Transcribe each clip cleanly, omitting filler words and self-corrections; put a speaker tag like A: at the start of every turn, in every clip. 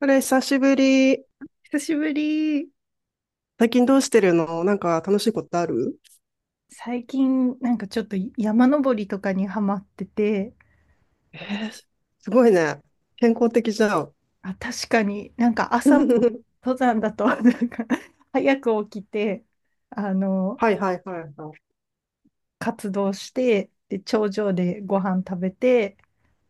A: あれ、久しぶり。
B: 久しぶり。
A: 最近どうしてるの？なんか楽しいことある？
B: 最近、なんかちょっと山登りとかにハマってて、
A: えー、すごいね。健康的じゃん。
B: あ、確かになんか朝も 登山だと、なんか早く起きて、あの、
A: はいはいはいはい。
B: 活動して、で、頂上でご飯食べて、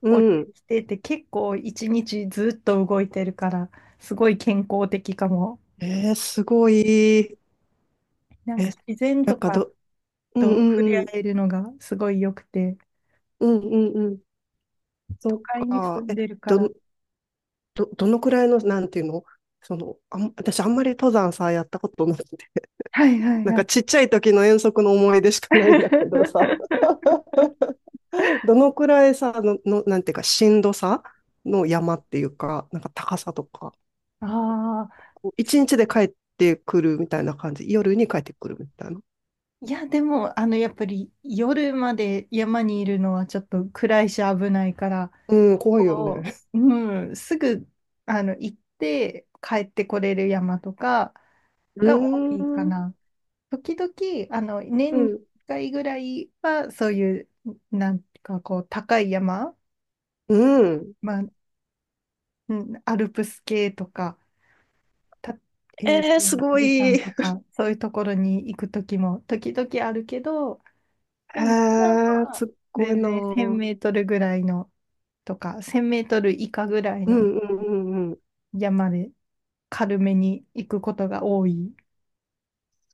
A: う
B: 降りて
A: ん。
B: きてって結構一日ずっと動いてるから、すごい健康的かも。
A: えー、すごい。
B: なんか
A: え、
B: 自然
A: な
B: と
A: んか
B: か
A: ど、うん
B: と
A: う
B: 触れ
A: んう
B: 合
A: ん。
B: えるのがすごい良くて、
A: うんうんうん。
B: 都
A: そっ
B: 会に住
A: か。
B: ん
A: え、
B: でるか
A: ど、
B: ら。
A: ど、どのくらいの、なんていうの？私あんまり登山さ、やったことなくて。
B: はいはい
A: なん
B: は
A: か
B: い。
A: ちっちゃい時の遠足の思い出しかないんだけどさ。どのくらいさ、の、の、なんていうか、しんどさの山っていうか、なんか高さとか、
B: ああ、
A: こう一日で帰ってくるみたいな感じ、夜に帰ってくるみたいな。
B: いや、でも、やっぱり夜まで山にいるのはちょっと暗いし危ないから、
A: うん、怖いよ
B: こ
A: ね。
B: う、うん、すぐ、行って帰ってこれる山とか
A: うー
B: が多いか
A: ん、
B: な。時々、
A: う
B: 年1
A: ん、
B: 回ぐらいは、そういう、なんかこう、高い山、
A: うん。
B: まあ、うん、アルプス系とか、た、え
A: え
B: ーと、
A: ー、すご
B: 富士山
A: い。へ
B: とか、そういうところに行く時も、時々あるけど、でも、普段
A: ー、す
B: は
A: っごい
B: 全
A: な
B: 然1000
A: ー。
B: メートルぐらいのとか、1000メートル以下ぐらい
A: う
B: の
A: んうんうんうん。
B: 山で軽めに行くことが多い。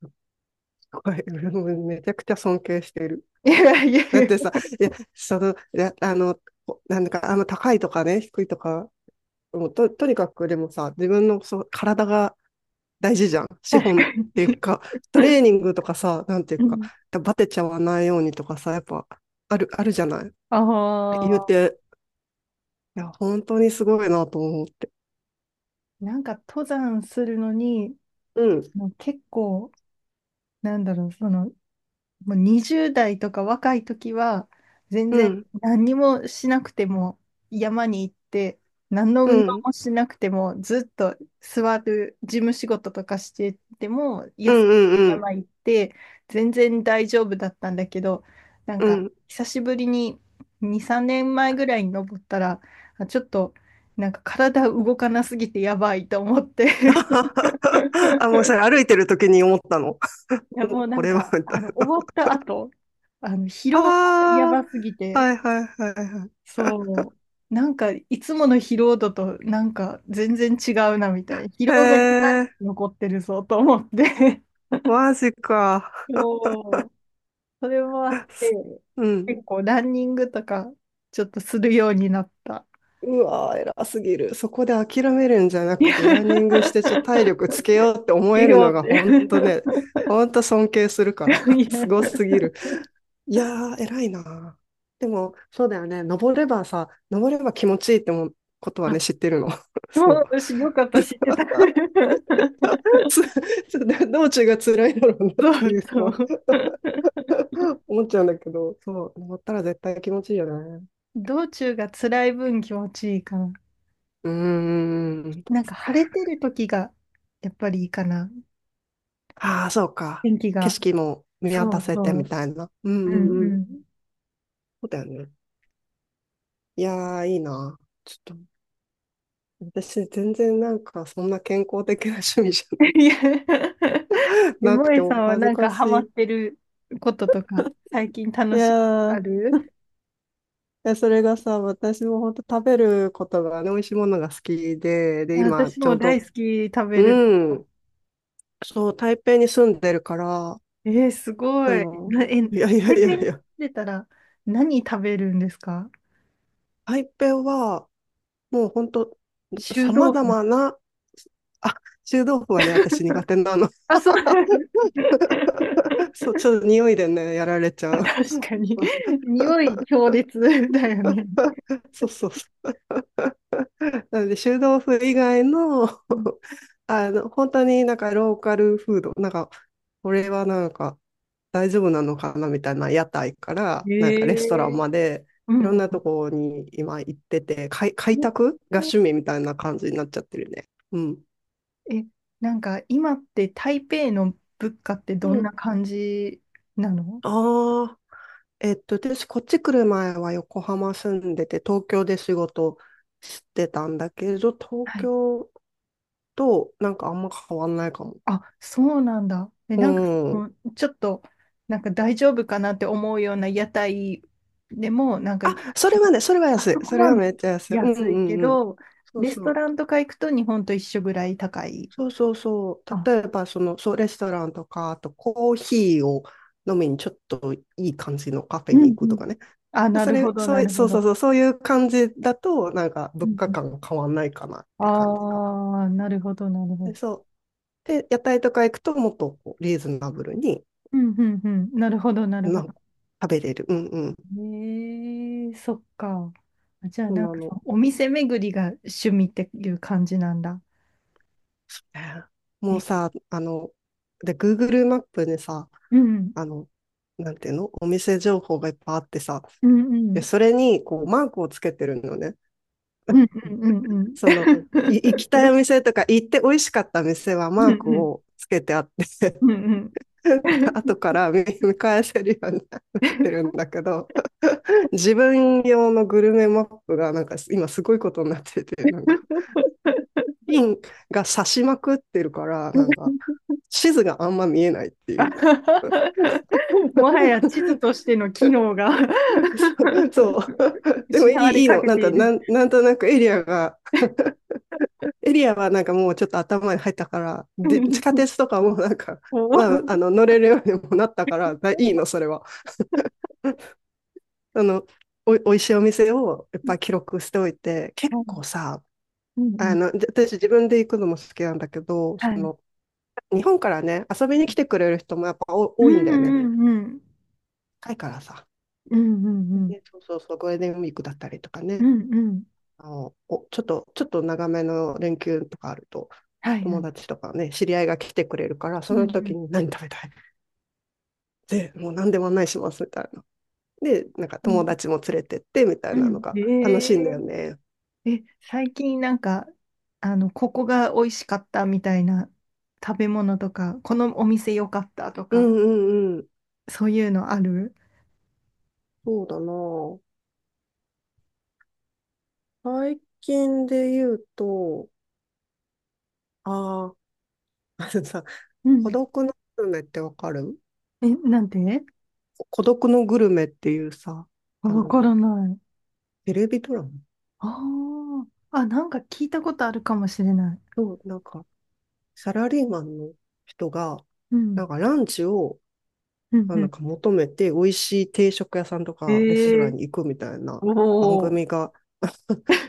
A: すっごい。俺もめちゃくちゃ尊敬してる。
B: いやいや、
A: だってさ、いや、その、いや、あの、こなんか、あの、高いとかね、低いとか、もうと、とにかくでもさ、自分のそう体が大事じゃん。資
B: 確
A: 本っ
B: かに。
A: ていうか、トレー ニングとかさ、なんていう
B: う
A: か、
B: ん
A: バテちゃわないようにとかさ、やっぱあるじゃない。
B: あ
A: 言う
B: あ、
A: て、いや、本当にすごいなと思って。
B: なんか登山するのに、
A: うん、
B: もう結構、なんだろう、もう20代とか若い時は、全
A: う
B: 然
A: ん、
B: 何にもしなくても山に行って、何の
A: う
B: 運動
A: ん、
B: もしなくても、ずっと座る事務仕事とかしてても、い
A: う
B: や
A: ん、うん、うん、
B: 山行って、全然大丈夫だったんだけど、なん
A: う
B: か
A: ん。
B: 久しぶりに2、3年前ぐらいに登ったら、あちょっとなんか体動かなすぎてやばいと思って
A: あ、もうそれ 歩いてる時に思ったの？
B: いや、
A: お、
B: もうな
A: こ
B: ん
A: れは、
B: か、
A: みたいな。
B: 終わった後、疲
A: あ
B: 労がやばすぎ
A: あ、
B: て、
A: はいはいはいはい。
B: そう、なんか、いつもの疲労度と、なんか、全然違うな、みたいな。疲
A: へ
B: 労が2、3日
A: え、
B: 残ってるぞ、と思って。
A: マジか。
B: そう、それもあって、
A: うん。
B: 結構、ランニングとか、ちょっとするようになった。
A: うわー、偉すぎる。そこで諦めるんじゃ な
B: い
A: く
B: や、
A: て、ランニングしてちょっと体力つけようって思
B: い
A: え
B: い
A: るの
B: よっ
A: が
B: てい
A: 本当ね、本当尊敬するから、
B: い
A: す
B: や、
A: ごすぎる。いやー、偉いな。でも、そうだよね。登れば気持ちいいってもことは
B: あ、
A: ね、知ってるの。そう。
B: そう、よかった、知ってた。
A: つつ道中が辛いだろうなっ
B: そ
A: てい
B: う
A: うの
B: そ
A: は
B: う。
A: 思っちゃうんだけど、そう、登ったら絶対気持ちいいよね。
B: 道中が辛い分気持ちいいかな。
A: うーん。
B: なんか晴れてる時がやっぱりいいかな。
A: ああ、そうか。
B: 天気
A: 景
B: が。
A: 色も見
B: そ
A: 渡
B: う
A: せてみ
B: そ
A: たいな。うん
B: う。う
A: う
B: んん。
A: んう
B: う
A: ん。
B: ん。
A: そうだよね。いやー、いいな。ちょっと、私、全然なんか、そんな健康的な趣味じ
B: いや、
A: ゃ
B: え
A: なく
B: も
A: て、
B: えさ
A: お
B: んは
A: 恥ず
B: なん
A: か
B: かハマっ
A: し
B: てることとか、最近
A: い。
B: 楽
A: い
B: しいこと
A: やー、
B: あ
A: い
B: る？
A: やそれがさ、私も本当食べることがね、美味しいものが好きで、
B: い
A: で、
B: や、
A: 今、
B: 私
A: ちょ
B: も
A: う
B: 大
A: ど、
B: 好き食べる。
A: うん、そう、台北に住んでるから、
B: えー、す
A: あ
B: ごい。
A: の、いやいや
B: 台
A: い
B: 北
A: やい
B: に住ん
A: や、
B: でたら何食べるんですか？
A: 台北は、もう本当
B: 臭
A: 様
B: 豆腐。
A: 々な、あ、臭豆腐はね、私苦手なの。
B: あ、そう。
A: そう、ちょっと匂いでね、やられちゃう。
B: 確かに。匂い強烈だよね。
A: そうそうそう。なので、臭豆腐以外の、
B: うん。
A: あの、本当になんかローカルフード、なんか、これはなんか大丈夫なのかなみたいな屋台から、なんかレストラ
B: え
A: ン
B: え
A: まで、
B: う
A: いろん
B: ん。
A: なところに今行ってて、開拓が趣味みたいな感じになっちゃってるね。うん。
B: え、なんか今って台北の物価って
A: う
B: どんな
A: ん。
B: 感じなの？
A: あー、えっと、私、こっち来る前は横浜住んでて、東京で仕事してたんだけど、東
B: はい。
A: 京となんかあんま変わんないかも。
B: あ、そうなんだ。え、
A: う
B: なんかそ
A: ん。
B: の、ちょっと、なんか大丈夫かなって思うような屋台でも、なんか、
A: あ、それはね、それは
B: あ
A: 安い。
B: そこ
A: それ
B: は
A: は
B: め
A: めっちゃ安い。うんう
B: 安いけ
A: んうん。
B: ど、
A: そう
B: レス
A: そ
B: トラン
A: う。
B: とか行くと日本と一緒ぐらい高い。
A: そうそうそう。
B: あ、
A: 例えば、その、そう、レストランとか、あとコーヒーを飲みにちょっといい感じのカフェ
B: う
A: に
B: んう
A: 行くと
B: ん。
A: かね。
B: あ、な
A: そ
B: るほ
A: れ、
B: ど、
A: そう
B: な
A: いう、
B: る
A: そ
B: ほ
A: うそう
B: ど。
A: そう、そういう感じだと、なんか
B: う
A: 物
B: ん
A: 価
B: うん。
A: 感変わんないかなって感じかな。
B: ああ、なるほど、なるほど。
A: でそうで、屋台とか行くともっとこうリーズナブルに、
B: うんうんうん。なるほど、なるほ
A: なん
B: ど。
A: か食べれる。うんうん。
B: ええそっか。あじゃあ、
A: そん
B: なん
A: な
B: か、
A: の。
B: お店巡りが趣味っていう感じなんだ。
A: そうね、もう
B: ね。
A: さ、あの、で、Google マップでさ、
B: うん。
A: あの、なんていうの、お店情報がいっぱいあってさ、
B: うんう
A: で
B: ん。
A: それにこうマークをつけてるのね。
B: うんうんうんうん。
A: その、行きたい お店とか行って美味しかった店は
B: うん
A: マーク
B: うん
A: をつけてあって
B: うんうんうん
A: 後から見返せるようになってるんだけど、自分用のグルメマップがなんか今すごいことになってて、なんかピンが刺しまくってるから、なんか、地図があんま見えないって
B: あ
A: いう。
B: はは もはや地図とし ての機能が
A: そう。でもい
B: 失わ
A: い
B: れ
A: いい
B: か
A: の。
B: けている。
A: なんとなくエリアが、エリアはなんかもうちょっと頭に入ったから、で地下 鉄とかもなんか、
B: おは
A: まあ、あ
B: い
A: の乗れるようにもなったからだ、いいの、それは。あの、おいしいお店をいっぱい記録しておいて、結構さ、
B: うんう
A: あ
B: ん
A: の、私自分で行くのも好きなんだけど、そ
B: はい。
A: の、日本からね、遊びに来てくれる人もやっぱ
B: うん
A: 多いんだよね。
B: うんうん。
A: 高いからさ。
B: うんうんうん。
A: でそうそうそう、ゴールデンウィークだったりとか
B: う
A: ね、
B: んうん。
A: あの、お、ちょっと、ちょっと長めの連休とかあると、
B: はいは
A: 友
B: い。
A: 達とかね、知り合いが来てくれるから、そ
B: うんう
A: の時
B: ん。
A: に何食べたい？ で、もう何でも案内しますみたいな。で、なんか
B: う
A: 友
B: ん。
A: 達も連れてってみた
B: う
A: いなの
B: ん。
A: が楽しいんだ
B: え
A: よね。
B: ー、え、最近なんか、ここが美味しかったみたいな食べ物とか、このお店良かったと
A: う
B: か、
A: んうんうん。
B: そういうのある？
A: そうだな。最近で言うと、ああ、あのさ、
B: う
A: 孤
B: ん。
A: 独のグルメってわかる？
B: え、なんて？
A: 孤独のグルメっていうさ、あ
B: わ
A: の、
B: からない。
A: テレビドラマ、
B: ああ、あ、なんか聞いたことあるかもしれない。
A: そう、なんか、サラリーマンの人が、
B: う
A: なん
B: ん。
A: かランチを、
B: うん
A: あ、
B: う
A: なん
B: ん。
A: か求めて、美味しい定食屋さんと
B: え
A: かレストラ
B: ー、
A: ンに行くみたいな番
B: おー。
A: 組が、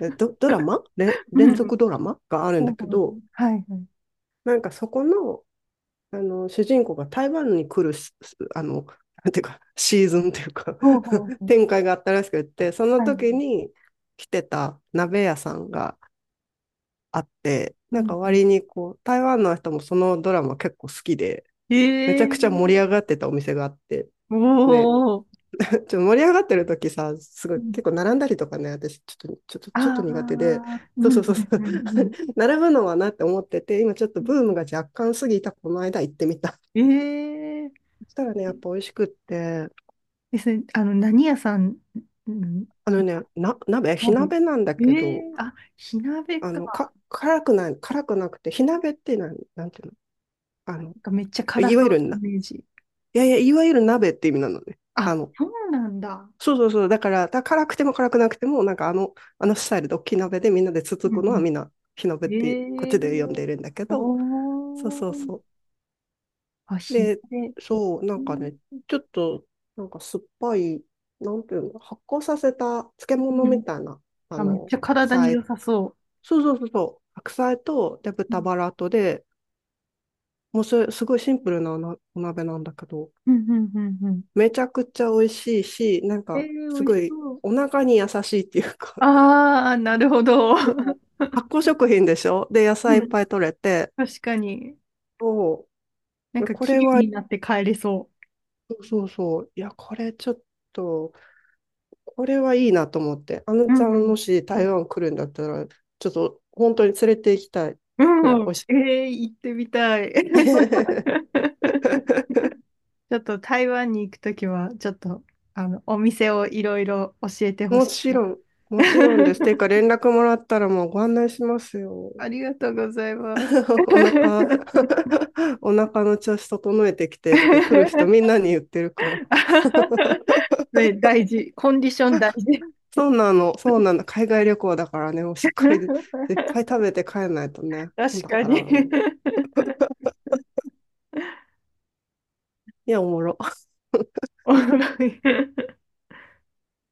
A: えド、ドラマれ
B: うん
A: 連
B: うん
A: 続ドラマがあるん
B: ほ
A: だ
B: うほ
A: け
B: うほう
A: ど、
B: はいはい。
A: なんかそこの、あの、主人公が台湾に来るし、あの、なんていうか、シーズンっていうか
B: ほうほう ほう。
A: 展開があったらしくって、その
B: はい。
A: 時に来てた鍋屋さんがあって、
B: う
A: なん
B: ん
A: か
B: うん。
A: 割にこう、台湾の人もそのドラマ結構好きで、
B: え
A: めちゃくちゃ盛り
B: ー、
A: 上がってたお店があって、
B: お
A: で、
B: ー。
A: ちょっと盛り上がってる時さ、すごい結構並んだりとかね、私
B: あ
A: ちょっと苦手で、
B: あ、う
A: そう
B: ん
A: そ
B: う
A: うそ
B: ん
A: うそ
B: う
A: う、
B: んうん
A: 並ぶのはなって思ってて、今ちょっとブームが若干過ぎたこの間行ってみたっていう。
B: うん。ええ
A: そしたらね、やっぱ美味しくって、
B: ですね。何屋さん、うん
A: あのね、鍋、火
B: まで。
A: 鍋なんだ
B: え
A: けど、
B: えあ、火鍋
A: あの、
B: か。
A: か、辛くない、辛くなくて、火鍋ってなん、なんていうの？あ
B: な
A: の、
B: んかめっちゃ辛
A: い
B: そう
A: わ
B: な
A: ゆる
B: イ
A: な、
B: メージ。
A: いやいや、いわゆる鍋って意味なのね。あ
B: あ、
A: の、
B: そうなんだ。
A: そうそうそう。だから、だから辛くても辛くなくても、なんかあの、あのスタイルで大きい鍋でみんなでつつ
B: うん
A: くのは
B: う
A: みんな火鍋っ
B: ん。
A: てこっ
B: ええ
A: ちで呼んでいるんだけど、そう
B: お
A: そう
B: ー。
A: そ
B: あ、
A: う。
B: 火
A: で、
B: 鍋。
A: そう、な
B: う
A: んか
B: ん
A: ね、ちょっと、なんか酸っぱい、なんていうの、発酵させた漬物
B: う
A: み
B: ん
A: たいな、あ
B: あ、めっ
A: の、
B: ちゃ
A: 白
B: 体に
A: 菜、
B: 良さそ
A: そうそうそうそう、白菜と、で、
B: う。う
A: 豚
B: ん
A: バラとで、もうそれ、すごいシンプルなお鍋なんだけど、
B: うんうんうんうん。
A: めちゃくちゃ美味しいし、なん
B: ええ
A: か、
B: 美
A: す
B: 味
A: ご
B: し
A: い
B: そう。
A: お腹に優しいっていうか、
B: ああ、なるほど。
A: そ う、発酵食品でしょ、で、野菜い
B: う
A: っ
B: ん、
A: ぱい取れて、
B: 確かに。
A: そ
B: なん
A: う。
B: か
A: こ
B: 綺
A: れ
B: 麗
A: は、
B: になって帰れそ
A: そうそうそう。いや、と、これはいいなと思って。あの
B: う。う
A: ちゃん、も
B: ん
A: し台湾来るんだったら、ちょっと本当に連れて行きたい
B: う
A: くらい
B: ん。うん。
A: 美味しい。
B: えー、行ってみたい。ち ょっと台湾に行くときは、ちょっと、お店をいろいろ教えてほ
A: も
B: しい
A: ち
B: な。
A: ろん、もちろんです。ていうか、連絡もらったらもうご案内しますよ。
B: ありがとうございます。
A: お腹、お腹の調子整えてきてって来る人みん なに言ってるから。
B: ね、大事。コンディション大事。
A: そうなの、そうなの。海外旅行だからね、もうしっかり いっぱい食べて帰んないとね。そう
B: 確
A: だ
B: か
A: から、
B: に。
A: もういや、おもろ。
B: おもろい。